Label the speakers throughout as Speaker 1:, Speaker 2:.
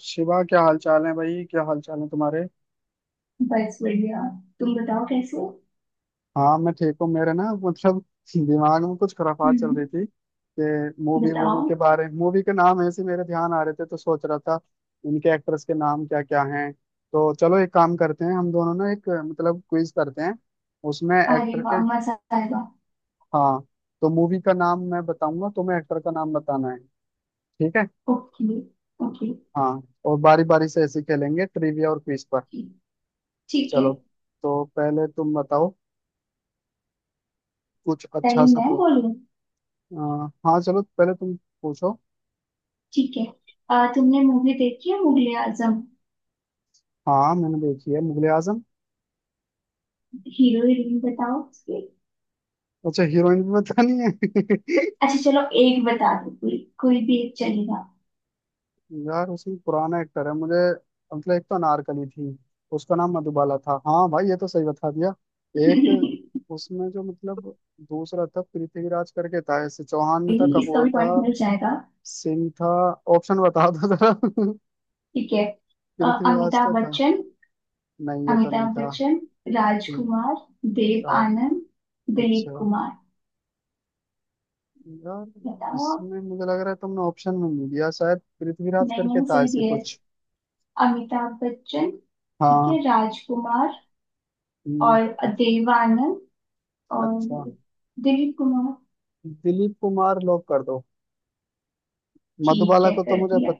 Speaker 1: शिवा क्या हाल चाल है भाई। क्या हाल चाल है तुम्हारे।
Speaker 2: बस बढ़िया। तुम बताओ कैसे हो?
Speaker 1: हाँ मैं ठीक हूँ। मेरे ना मतलब दिमाग में कुछ खराफात चल
Speaker 2: हम्म।
Speaker 1: रही थी कि मूवी मूवी
Speaker 2: बताओ।
Speaker 1: के बारे मूवी के नाम ऐसे मेरे ध्यान आ रहे थे तो सोच रहा था इनके एक्टर्स के नाम क्या क्या हैं। तो चलो एक काम करते हैं हम दोनों ना एक मतलब क्विज करते हैं उसमें
Speaker 2: अरे
Speaker 1: एक्टर
Speaker 2: वाह
Speaker 1: के।
Speaker 2: मजा आएगा।
Speaker 1: हाँ तो मूवी का नाम मैं बताऊंगा तुम्हें एक्टर का नाम बताना है। ठीक है।
Speaker 2: ओके। ओके।
Speaker 1: हाँ और बारी बारी से ऐसे ही खेलेंगे ट्रिविया और क्विज पर।
Speaker 2: ठीक। ठीक है।
Speaker 1: चलो तो पहले तुम बताओ कुछ
Speaker 2: पहले
Speaker 1: अच्छा सा
Speaker 2: मैं
Speaker 1: पूछ।
Speaker 2: बोलूं।
Speaker 1: आ, हाँ चलो पहले तुम पूछो।
Speaker 2: ठीक है। तुमने मूवी देखी है मुगले आजम।
Speaker 1: हाँ मैंने देखी है मुगले आजम।
Speaker 2: हीरो हीरोइन बताओ उसके।
Speaker 1: अच्छा हीरोइन भी पता नहीं है।
Speaker 2: अच्छा चलो एक बता दो कोई कोई भी एक चलेगा।
Speaker 1: यार उसमें पुराना एक्टर है मुझे मतलब। एक तो अनारकली थी उसका नाम मधुबाला था। हाँ भाई ये तो सही बता दिया। एक उसमें जो मतलब दूसरा था पृथ्वीराज करके था ऐसे, चौहान था,
Speaker 2: नहीं, इसका
Speaker 1: कपूर
Speaker 2: भी
Speaker 1: था,
Speaker 2: पॉइंट मिल जाएगा।
Speaker 1: सिंह था। ऑप्शन बता दो जरा।
Speaker 2: ठीक है।
Speaker 1: पृथ्वीराज तो
Speaker 2: अमिताभ
Speaker 1: था।
Speaker 2: बच्चन।
Speaker 1: नहीं ये तो नहीं
Speaker 2: अमिताभ
Speaker 1: था।
Speaker 2: बच्चन।
Speaker 1: ठीक।
Speaker 2: राजकुमार। देव
Speaker 1: यार
Speaker 2: आनंद। दिलीप
Speaker 1: अच्छा।
Speaker 2: कुमार।
Speaker 1: यार
Speaker 2: बताओ।
Speaker 1: इसमें मुझे लग रहा है तुमने ऑप्शन में नहीं दिया, शायद पृथ्वीराज
Speaker 2: नहीं
Speaker 1: करके
Speaker 2: मैंने
Speaker 1: था
Speaker 2: सही
Speaker 1: ऐसे
Speaker 2: दिया है।
Speaker 1: कुछ।
Speaker 2: अमिताभ बच्चन। ठीक
Speaker 1: हाँ।
Speaker 2: है राजकुमार।
Speaker 1: हम्म,
Speaker 2: और देव आनंद। और
Speaker 1: अच्छा
Speaker 2: दिलीप कुमार।
Speaker 1: दिलीप कुमार लॉक कर दो।
Speaker 2: ठीक
Speaker 1: मधुबाला
Speaker 2: है
Speaker 1: को तो
Speaker 2: कर
Speaker 1: मुझे
Speaker 2: दिया।
Speaker 1: पत...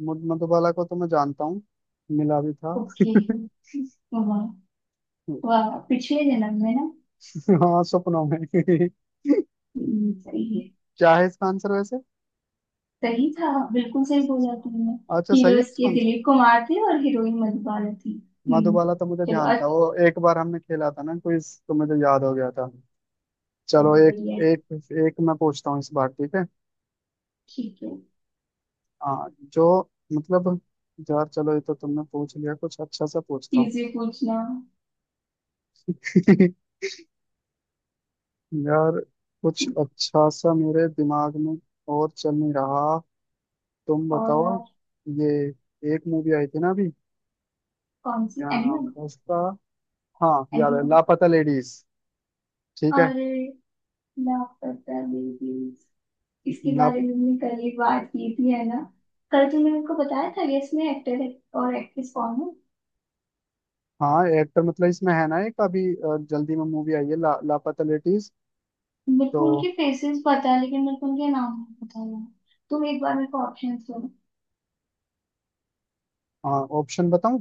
Speaker 1: मधुबाला को तो मैं जानता हूँ मिला भी था।
Speaker 2: ओके। वाह। वाह पिछले जन्म में ना।
Speaker 1: हाँ सपनों में।
Speaker 2: सही है।
Speaker 1: क्या है इसका आंसर वैसे।
Speaker 2: सही था। बिल्कुल सही बोला तुमने।
Speaker 1: अच्छा सही है
Speaker 2: हीरोज
Speaker 1: इसका
Speaker 2: के
Speaker 1: आंसर।
Speaker 2: दिलीप कुमार थे और हीरोइन मधुबाला थी। हम्म।
Speaker 1: मधुबाला तो मुझे
Speaker 2: चलो
Speaker 1: ध्यान था, वो
Speaker 2: अच्छा।
Speaker 1: एक बार हमने खेला था ना क्विज तो मुझे याद हो गया था। चलो
Speaker 2: चलो
Speaker 1: एक
Speaker 2: बढ़िया है।
Speaker 1: एक एक मैं पूछता हूँ इस बार ठीक है।
Speaker 2: ठीक है।
Speaker 1: हाँ जो मतलब यार चलो ये तो तुमने पूछ लिया, कुछ अच्छा सा पूछता हूँ।
Speaker 2: इजी पूछना।
Speaker 1: यार कुछ अच्छा सा मेरे दिमाग में और चल नहीं रहा। तुम बताओ
Speaker 2: और
Speaker 1: ये एक मूवी आई थी ना अभी,
Speaker 2: कौन सी
Speaker 1: क्या नाम
Speaker 2: एनिमल।
Speaker 1: था उसका। हाँ याद है,
Speaker 2: एनिमल।
Speaker 1: लापता लेडीज। ठीक है।
Speaker 2: अरे लापता बेबीज। इसके
Speaker 1: ला
Speaker 2: बारे में हमने कल ही बात की थी है ना। कल तुमने मेरे को बताया था कि इसमें एक्टर और एक्ट्रेस कौन है।
Speaker 1: हाँ एक्टर मतलब इसमें है ना एक अभी जल्दी में मूवी आई है लापता लेडीज।
Speaker 2: मेरे को
Speaker 1: तो
Speaker 2: उनके फेसेस पता है लेकिन मेरे को उनके नाम नहीं पता है। तुम एक बार मेरे को ऑप्शन दो।
Speaker 1: हाँ ऑप्शन बताऊँ।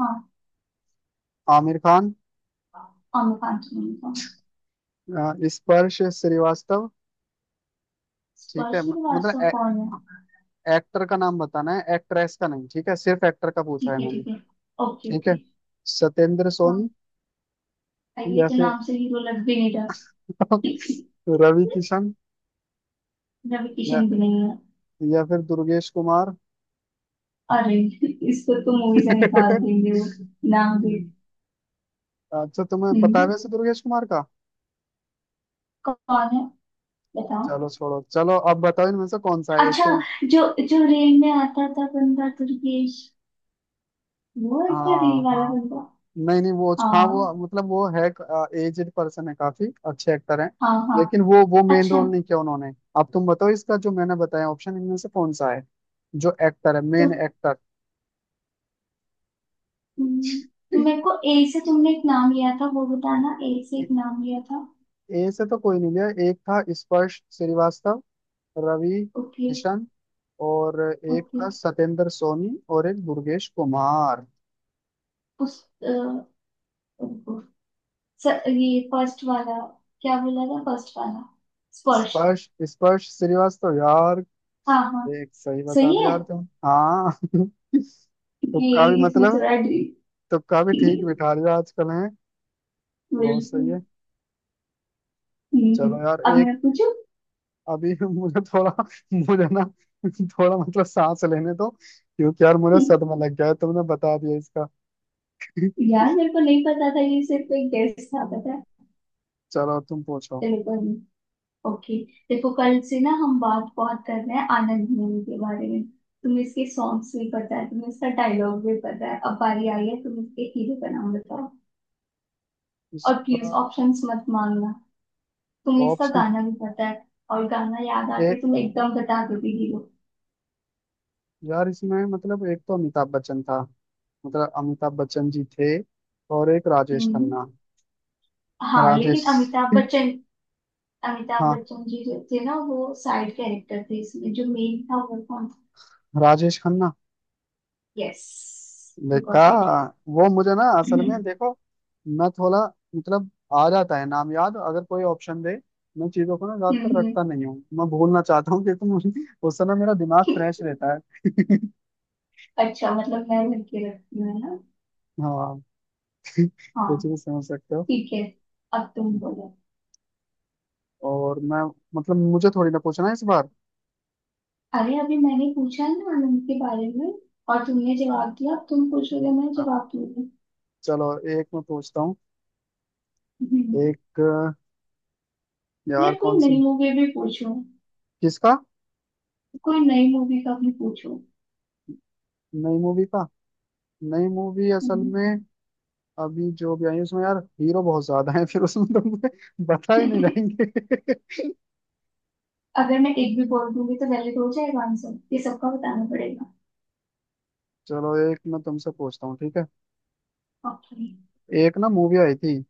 Speaker 2: हाँ।
Speaker 1: आमिर खान,
Speaker 2: आमिर खान सुनील कौन।
Speaker 1: स्पर्श श्रीवास्तव। ठीक है
Speaker 2: स्पर्श
Speaker 1: मतलब
Speaker 2: श्रीवास्तव कौन है।
Speaker 1: एक्टर का नाम बताना है एक्ट्रेस का नहीं, ठीक है सिर्फ एक्टर का पूछा है
Speaker 2: ठीक है
Speaker 1: मैंने।
Speaker 2: ठीक है। ओके
Speaker 1: ठीक
Speaker 2: ओके।
Speaker 1: है। सत्येंद्र
Speaker 2: हाँ।
Speaker 1: सोनी।
Speaker 2: अरे ये
Speaker 1: या
Speaker 2: तो
Speaker 1: फिर
Speaker 2: नाम से हीरो लग भी नहीं रहा।
Speaker 1: रवि किशन।
Speaker 2: रवि
Speaker 1: या
Speaker 2: किशन भी नहीं है।
Speaker 1: या फिर दुर्गेश कुमार।
Speaker 2: अरे। इसको तो मूवी से निकाल देंगे वो। नाम भी।
Speaker 1: अच्छा तुम्हें पता है
Speaker 2: हम्म,
Speaker 1: वैसे दुर्गेश कुमार का।
Speaker 2: कौन है। बताओ।
Speaker 1: चलो छोड़ो, चलो अब बताओ इनमें से कौन सा है एक
Speaker 2: अच्छा
Speaker 1: तो।
Speaker 2: जो जो रेल में आता था बंदा दुर्गेश। वो है क्या
Speaker 1: हाँ
Speaker 2: रेल वाला
Speaker 1: हाँ।
Speaker 2: बंदा।
Speaker 1: नहीं नहीं वो हाँ वो
Speaker 2: हाँ
Speaker 1: मतलब वो है, एजेड पर्सन है, काफी अच्छे एक्टर हैं
Speaker 2: हाँ। हाँ।
Speaker 1: लेकिन वो मेन
Speaker 2: अच्छा।
Speaker 1: रोल नहीं किया उन्होंने। अब तुम बताओ इसका जो मैंने बताया ऑप्शन इनमें से कौन सा है, जो एक्टर है
Speaker 2: तो
Speaker 1: मेन एक्टर।
Speaker 2: हम्म, तो
Speaker 1: ए
Speaker 2: मेरे को ए से तुमने एक नाम लिया था वो बताना ए से एक नाम लिया था।
Speaker 1: से तो कोई नहीं लिया, एक था स्पर्श श्रीवास्तव, रवि
Speaker 2: ओके
Speaker 1: किशन, और एक
Speaker 2: ओके।
Speaker 1: था सत्येंद्र सोनी और एक दुर्गेश कुमार।
Speaker 2: उस अ, रुको। ये फर्स्ट वाला। क्या बोला था फर्स्ट वाला। स्पर्श।
Speaker 1: स्पर्श स्पर्श श्रीवास्तव यार।
Speaker 2: हाँ हाँ।
Speaker 1: एक सही बता
Speaker 2: सही
Speaker 1: दिया
Speaker 2: है।
Speaker 1: यार तुम, हाँ।
Speaker 2: ये
Speaker 1: तुक्का भी
Speaker 2: इसमें
Speaker 1: मतलब,
Speaker 2: थोड़ा डी
Speaker 1: तुक्का भी ठीक बिठा लिया आजकल है। बहुत सही
Speaker 2: बिल्कुल।
Speaker 1: है।
Speaker 2: हम्म,
Speaker 1: चलो यार
Speaker 2: हम्म। अब
Speaker 1: एक।
Speaker 2: मैं पूछू।
Speaker 1: अभी मुझे थोड़ा, मुझे ना थोड़ा मतलब सांस लेने दो, क्योंकि यार मुझे सदमा लग गया है तुमने बता दिया इसका।
Speaker 2: यार मेरे को नहीं पता था ये सिर्फ एक गेस्ट था पता है।
Speaker 1: चलो तुम पूछो
Speaker 2: चलो कोई नहीं। ओके। देखो कल से ना हम बात बहुत कर रहे हैं आनंद मूवी के बारे में। तुम्हें इसके सॉन्ग्स भी पता है तुम्हें इसका डायलॉग भी पता है अब बारी आई है तुम इसके हीरो का नाम बताओ। और प्लीज
Speaker 1: इसका
Speaker 2: ऑप्शंस मत मांगना। तुम्हें इसका
Speaker 1: ऑप्शन।
Speaker 2: गाना भी पता है। और गाना याद
Speaker 1: ए
Speaker 2: आते तुम एकदम बता दोगे हीरो।
Speaker 1: यार इसमें मतलब एक तो अमिताभ बच्चन था, मतलब अमिताभ बच्चन जी थे, और एक राजेश
Speaker 2: हम्म।
Speaker 1: खन्ना।
Speaker 2: हाँ लेकिन
Speaker 1: राजेश
Speaker 2: अमिताभ बच्चन। अमिताभ
Speaker 1: हाँ
Speaker 2: बच्चन जी जो थे ना वो साइड कैरेक्टर थे इसमें जो मेन था वो कौन था।
Speaker 1: राजेश खन्ना।
Speaker 2: यस। यू
Speaker 1: देखा।
Speaker 2: Got it.
Speaker 1: वो मुझे ना असल
Speaker 2: हम्म।
Speaker 1: में देखो, मैं थोड़ा मतलब आ जाता है नाम याद अगर कोई ऑप्शन दे। मैं चीजों को ना ज्यादातर
Speaker 2: हम्म।
Speaker 1: रटता नहीं हूँ, मैं भूलना चाहता हूँ कि तुम, उस समय मेरा दिमाग फ्रेश
Speaker 2: हम्म।
Speaker 1: रहता है।
Speaker 2: अच्छा मतलब मैं लड़के रखती हूँ है ना।
Speaker 1: हाँ
Speaker 2: हाँ।
Speaker 1: कुछ भी समझ सकते हो।
Speaker 2: ठीक है अब तुम बोलो।
Speaker 1: और मैं मतलब मुझे थोड़ी ना पूछना है इस बार।
Speaker 2: अरे अभी मैंने पूछा ना आनंद के बारे में और तुमने जवाब दिया अब तुम पूछोगे मैं
Speaker 1: हाँ,
Speaker 2: जवाब दूंगी।
Speaker 1: चलो एक मैं पूछता हूँ।
Speaker 2: हम्म।
Speaker 1: एक यार
Speaker 2: यार कोई
Speaker 1: कौन सी
Speaker 2: नई मूवी भी पूछो।
Speaker 1: किसका।
Speaker 2: कोई नई मूवी का भी पूछो।
Speaker 1: नई मूवी का, नई मूवी असल
Speaker 2: हम्म।
Speaker 1: में अभी जो भी आई है उसमें यार हीरो बहुत ज्यादा है, फिर उसमें तुमसे बता ही नहीं जाएंगे।
Speaker 2: अगर मैं एक भी बोल दूंगी तो वैलिड हो जाएगा आंसर ये सबका बताना पड़ेगा।
Speaker 1: चलो एक मैं तुमसे पूछता हूँ ठीक है।
Speaker 2: ओके।
Speaker 1: एक ना मूवी आई थी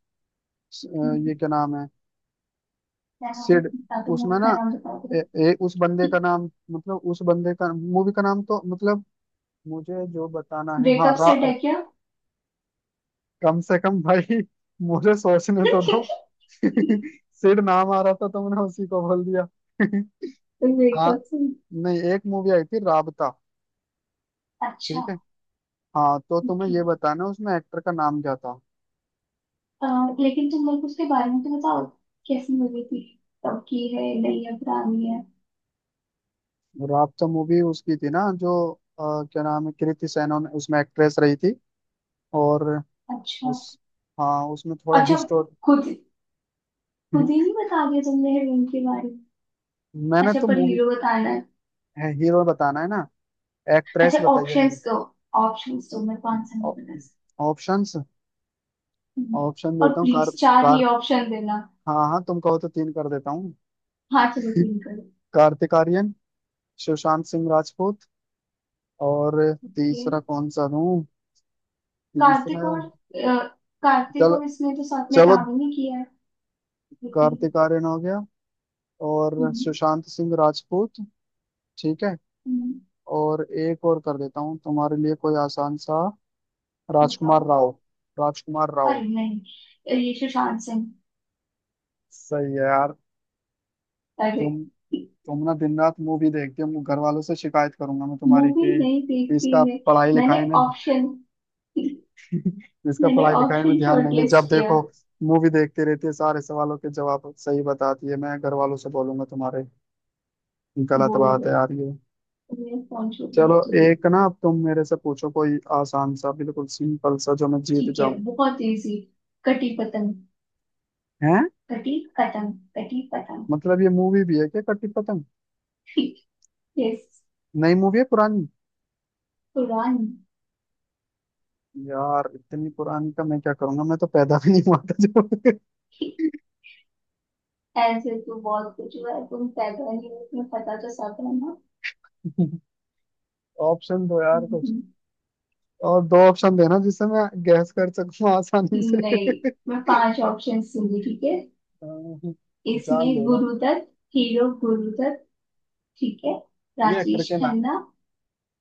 Speaker 2: हम्म।
Speaker 1: ये क्या नाम है।
Speaker 2: क्या नाम
Speaker 1: सिड
Speaker 2: बता दो मूवी
Speaker 1: उसमें ना
Speaker 2: का नाम बता दो।
Speaker 1: ए, ए, उस बंदे का नाम मतलब उस बंदे का मूवी का नाम तो मतलब मुझे जो बताना है हाँ
Speaker 2: वेकअप सेट है क्या
Speaker 1: कम से कम भाई मुझे सोचने तो दो। सिड नाम आ रहा था तो मैंने उसी को बोल दिया। हाँ
Speaker 2: वेकअप सेट।
Speaker 1: नहीं, एक मूवी आई थी राबता।
Speaker 2: अच्छा।
Speaker 1: ठीक है। हाँ तो तुम्हें
Speaker 2: जी।
Speaker 1: ये बताना उसमें एक्टर का नाम क्या था।
Speaker 2: अ, लेकिन तुम लोग उसके बारे में तो बताओ। कैसी मूवी थी। तब की है नई है पुरानी है।
Speaker 1: राबता मूवी उसकी थी ना जो अ, क्या नाम है कृति सेनन, उसमें एक्ट्रेस रही थी। और
Speaker 2: अच्छा।
Speaker 1: उस हाँ उसमें थोड़ा
Speaker 2: अच्छा।
Speaker 1: हिस्टोर।
Speaker 2: खुद खुद ही नहीं बता दिया तुमने हीरोइन के बारे में।
Speaker 1: मैंने
Speaker 2: अच्छा
Speaker 1: तो
Speaker 2: पर
Speaker 1: मूवी
Speaker 2: हीरो बताना है।
Speaker 1: है, हीरो बताना है ना, एक्ट्रेस
Speaker 2: अच्छा
Speaker 1: बताइए मैंने।
Speaker 2: ऑप्शंस दो। ऑप्शंस दो मेरे को आंसर नहीं पता इसका।
Speaker 1: ऑप्शंस
Speaker 2: हम्म।
Speaker 1: ऑप्शन
Speaker 2: और
Speaker 1: देता हूँ कार।
Speaker 2: प्लीज चार ही
Speaker 1: कार।
Speaker 2: ऑप्शन देना।
Speaker 1: हाँ हाँ तुम कहो तो तीन कर देता हूँ।
Speaker 2: हाँ चलो तीन करो।
Speaker 1: कार्तिक आर्यन, सुशांत सिंह राजपूत, और
Speaker 2: ओके।
Speaker 1: तीसरा कौन सा दूं।
Speaker 2: कार्तिक
Speaker 1: तीसरा।
Speaker 2: और अ, कार्तिक
Speaker 1: चल
Speaker 2: और इसने तो साथ में
Speaker 1: चलो
Speaker 2: काम ही नहीं किया है। लेकिन।
Speaker 1: कार्तिक आर्यन हो गया और
Speaker 2: हम्म,
Speaker 1: सुशांत सिंह राजपूत। ठीक है।
Speaker 2: हम्म,
Speaker 1: और एक और कर देता हूँ तुम्हारे लिए कोई आसान सा, राजकुमार
Speaker 2: बताओ।
Speaker 1: राव। राजकुमार राव।
Speaker 2: अरे नहीं ये सुशांत सिंह।
Speaker 1: सही है यार
Speaker 2: अरे।
Speaker 1: तुम तुम ना दिन रात मूवी देखती हो, घर वालों से शिकायत करूंगा मैं तुम्हारी
Speaker 2: मूवी
Speaker 1: कि
Speaker 2: नहीं देखती
Speaker 1: इसका
Speaker 2: मैं।
Speaker 1: पढ़ाई
Speaker 2: मैंने
Speaker 1: लिखाई में।
Speaker 2: ऑप्शन
Speaker 1: इसका
Speaker 2: मैंने
Speaker 1: पढ़ाई लिखाई में
Speaker 2: ऑप्शन
Speaker 1: ध्यान नहीं है, जब
Speaker 2: शॉर्टलिस्ट किया।
Speaker 1: देखो मूवी देखती रहती है, सारे सवालों के जवाब सही बताती है, मैं घर वालों से बोलूंगा तुम्हारे। गलत
Speaker 2: बोल
Speaker 1: बात है
Speaker 2: दो।
Speaker 1: यार ये।
Speaker 2: मैं फोन छोड़
Speaker 1: चलो
Speaker 2: हाँ तुझे।
Speaker 1: एक ना अब तुम मेरे से पूछो कोई आसान सा बिल्कुल सिंपल सा जो मैं जीत
Speaker 2: ठीक है
Speaker 1: जाऊं।
Speaker 2: बहुत इजी। कटी पतंग।
Speaker 1: हैं।
Speaker 2: कटी पतंग। कटी पतंग।
Speaker 1: मतलब ये मूवी भी है क्या कटी पतंग।
Speaker 2: ठीक। यस।
Speaker 1: नई मूवी है पुरानी।
Speaker 2: पुरानी।
Speaker 1: यार इतनी पुरानी का मैं क्या करूंगा, मैं तो पैदा भी नहीं हुआ था जब।
Speaker 2: ठीक, ऐसे तो बहुत कुछ हुआ है तुम पैदा नहीं हो तुम्हें पता तो सब है ना।
Speaker 1: ऑप्शन दो यार कुछ,
Speaker 2: हम्म,
Speaker 1: और दो ऑप्शन देना जिससे मैं गैस कर सकूं आसानी से।
Speaker 2: नहीं। मैं पांच ऑप्शन दूंगी ठीक है।
Speaker 1: अह, जान
Speaker 2: इसमें
Speaker 1: ले लो।
Speaker 2: गुरुदत्त हीरो गुरुदत्त। ठीक है।
Speaker 1: ये एक्टर
Speaker 2: राजेश
Speaker 1: के नाम।
Speaker 2: खन्ना।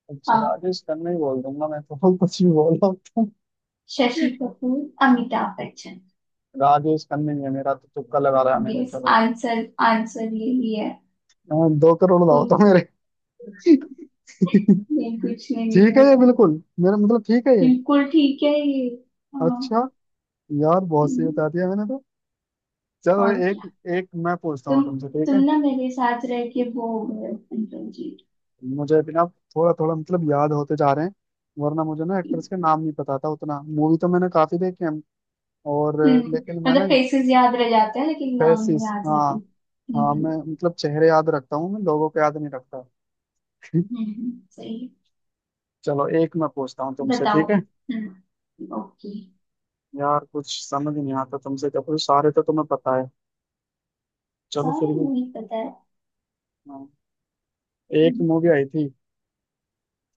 Speaker 1: अच्छा
Speaker 2: हाँ।
Speaker 1: राजेश खन्ना ही बोल दूंगा मैं तो, कुछ भी बोल रहा हूं।
Speaker 2: शशि कपूर। अमिताभ बच्चन।
Speaker 1: राजेश खन्ना ही है मेरा, तो तुक्का लगा रहा है मैंने
Speaker 2: यस
Speaker 1: चलो।
Speaker 2: आंसर आंसर यही है।
Speaker 1: हाँ, 2 करोड़ लाओ तो
Speaker 2: तुम।
Speaker 1: मेरे।
Speaker 2: ये कुछ नहीं
Speaker 1: ठीक है ये
Speaker 2: मिलेगा।
Speaker 1: बिल्कुल, मेरा मतलब ठीक है ये।
Speaker 2: बिल्कुल ठीक है ये। हाँ।
Speaker 1: अच्छा यार बहुत सही
Speaker 2: हम्म,
Speaker 1: बता दिया मैंने तो। चलो
Speaker 2: और
Speaker 1: एक
Speaker 2: क्या।
Speaker 1: एक मैं पूछता हूँ
Speaker 2: तुम
Speaker 1: तुमसे ठीक
Speaker 2: तुम
Speaker 1: है।
Speaker 2: ना मेरे साथ रह के वो हो गए हो, अंकल जी।
Speaker 1: मुझे भी ना थोड़ा थोड़ा मतलब याद होते जा रहे हैं, वरना मुझे ना एक्ट्रेस के नाम नहीं पता था उतना, मूवी तो मैंने काफी देखी है। और
Speaker 2: हम्म।
Speaker 1: लेकिन मैं ना।
Speaker 2: मतलब फेसेस याद रह जाते हैं लेकिन नाम नहीं
Speaker 1: फेसिस
Speaker 2: याद
Speaker 1: हाँ।
Speaker 2: रहते।
Speaker 1: हाँ
Speaker 2: हम्म।
Speaker 1: मैं मतलब चेहरे याद रखता हूँ, मैं लोगों को याद नहीं रखता।
Speaker 2: सही
Speaker 1: चलो एक मैं पूछता हूँ
Speaker 2: है।
Speaker 1: तुमसे
Speaker 2: बताओ।
Speaker 1: ठीक है।
Speaker 2: हम्म। ओके।
Speaker 1: यार कुछ समझ नहीं आता तुमसे क्या पूछ, सारे तो तुम्हें पता है। चलो
Speaker 2: सारे
Speaker 1: फिर भी।
Speaker 2: नहीं पता है।
Speaker 1: हाँ। एक
Speaker 2: हम्म।
Speaker 1: मूवी आई थी।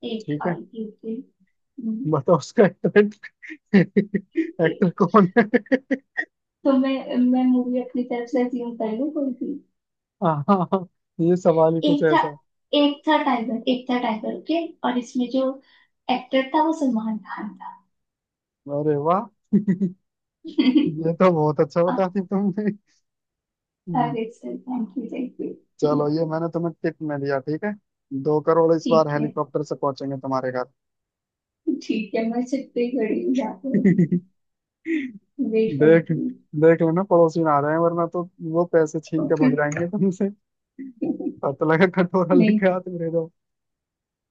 Speaker 2: एक
Speaker 1: ठीक है।
Speaker 2: आई थी ओके। हम्म,
Speaker 1: बताओ उसका एक्टर, एक्टर कौन है।
Speaker 2: तो मैं मूवी अपनी तरफ से अज्यूम कर लूँ कोई भी।
Speaker 1: हाँ हाँ, हाँ, ये सवाल ही कुछ
Speaker 2: एक था।
Speaker 1: ऐसा।
Speaker 2: एक था टाइगर ओके और इसमें जो एक्टर था वो सलमान खान था।
Speaker 1: अरे वाह, ये तो बहुत अच्छा बता दी तुमने। हम्म,
Speaker 2: अरे sir thank you thank you.
Speaker 1: चलो ये मैंने तुम्हें टिप में दिया ठीक है। 2 करोड़ इस बार,
Speaker 2: ठीक है।
Speaker 1: हेलीकॉप्टर से पहुंचेंगे तुम्हारे घर।
Speaker 2: ठीक है मैं छत पे ही खड़ी हूँ यहाँ पे अभी। वेट
Speaker 1: देख
Speaker 2: करती
Speaker 1: देख लेना पड़ोसी ना आ रहे हैं वरना तो वो पैसे छीन के
Speaker 2: हूँ।
Speaker 1: भाग जाएंगे तुमसे। पता लगा कटोरा
Speaker 2: नहीं।
Speaker 1: लेके हाथ में दे दो।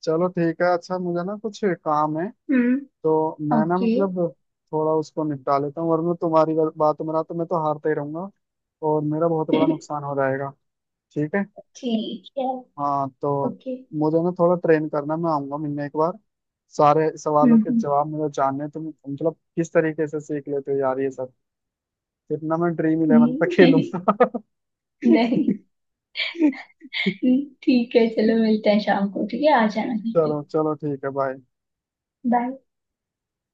Speaker 1: चलो ठीक है, अच्छा मुझे ना कुछ काम है
Speaker 2: हम्म।
Speaker 1: तो मैं ना
Speaker 2: ओके।
Speaker 1: मतलब थोड़ा उसको निपटा लेता हूँ, वरना तुम्हारी बातों में ना तो मैं तो हारता ही रहूंगा और मेरा बहुत बड़ा नुकसान हो जाएगा। ठीक है।
Speaker 2: ठीक है।
Speaker 1: हाँ तो
Speaker 2: ओके।
Speaker 1: मुझे ना थोड़ा ट्रेन करना, मैं आऊंगा मिलने एक बार। सारे सवालों के
Speaker 2: हम्म।
Speaker 1: जवाब मुझे जानने हैं। तुम मतलब किस तरीके से सीख लेते हो यार ये सब। फिर ना मैं Dream11 पे
Speaker 2: हम्म।
Speaker 1: खेलूंगा।
Speaker 2: नहीं ठीक है चलो मिलते हैं शाम को ठीक है आ जाना घर पे।
Speaker 1: चलो चलो ठीक है बाय।
Speaker 2: बाय।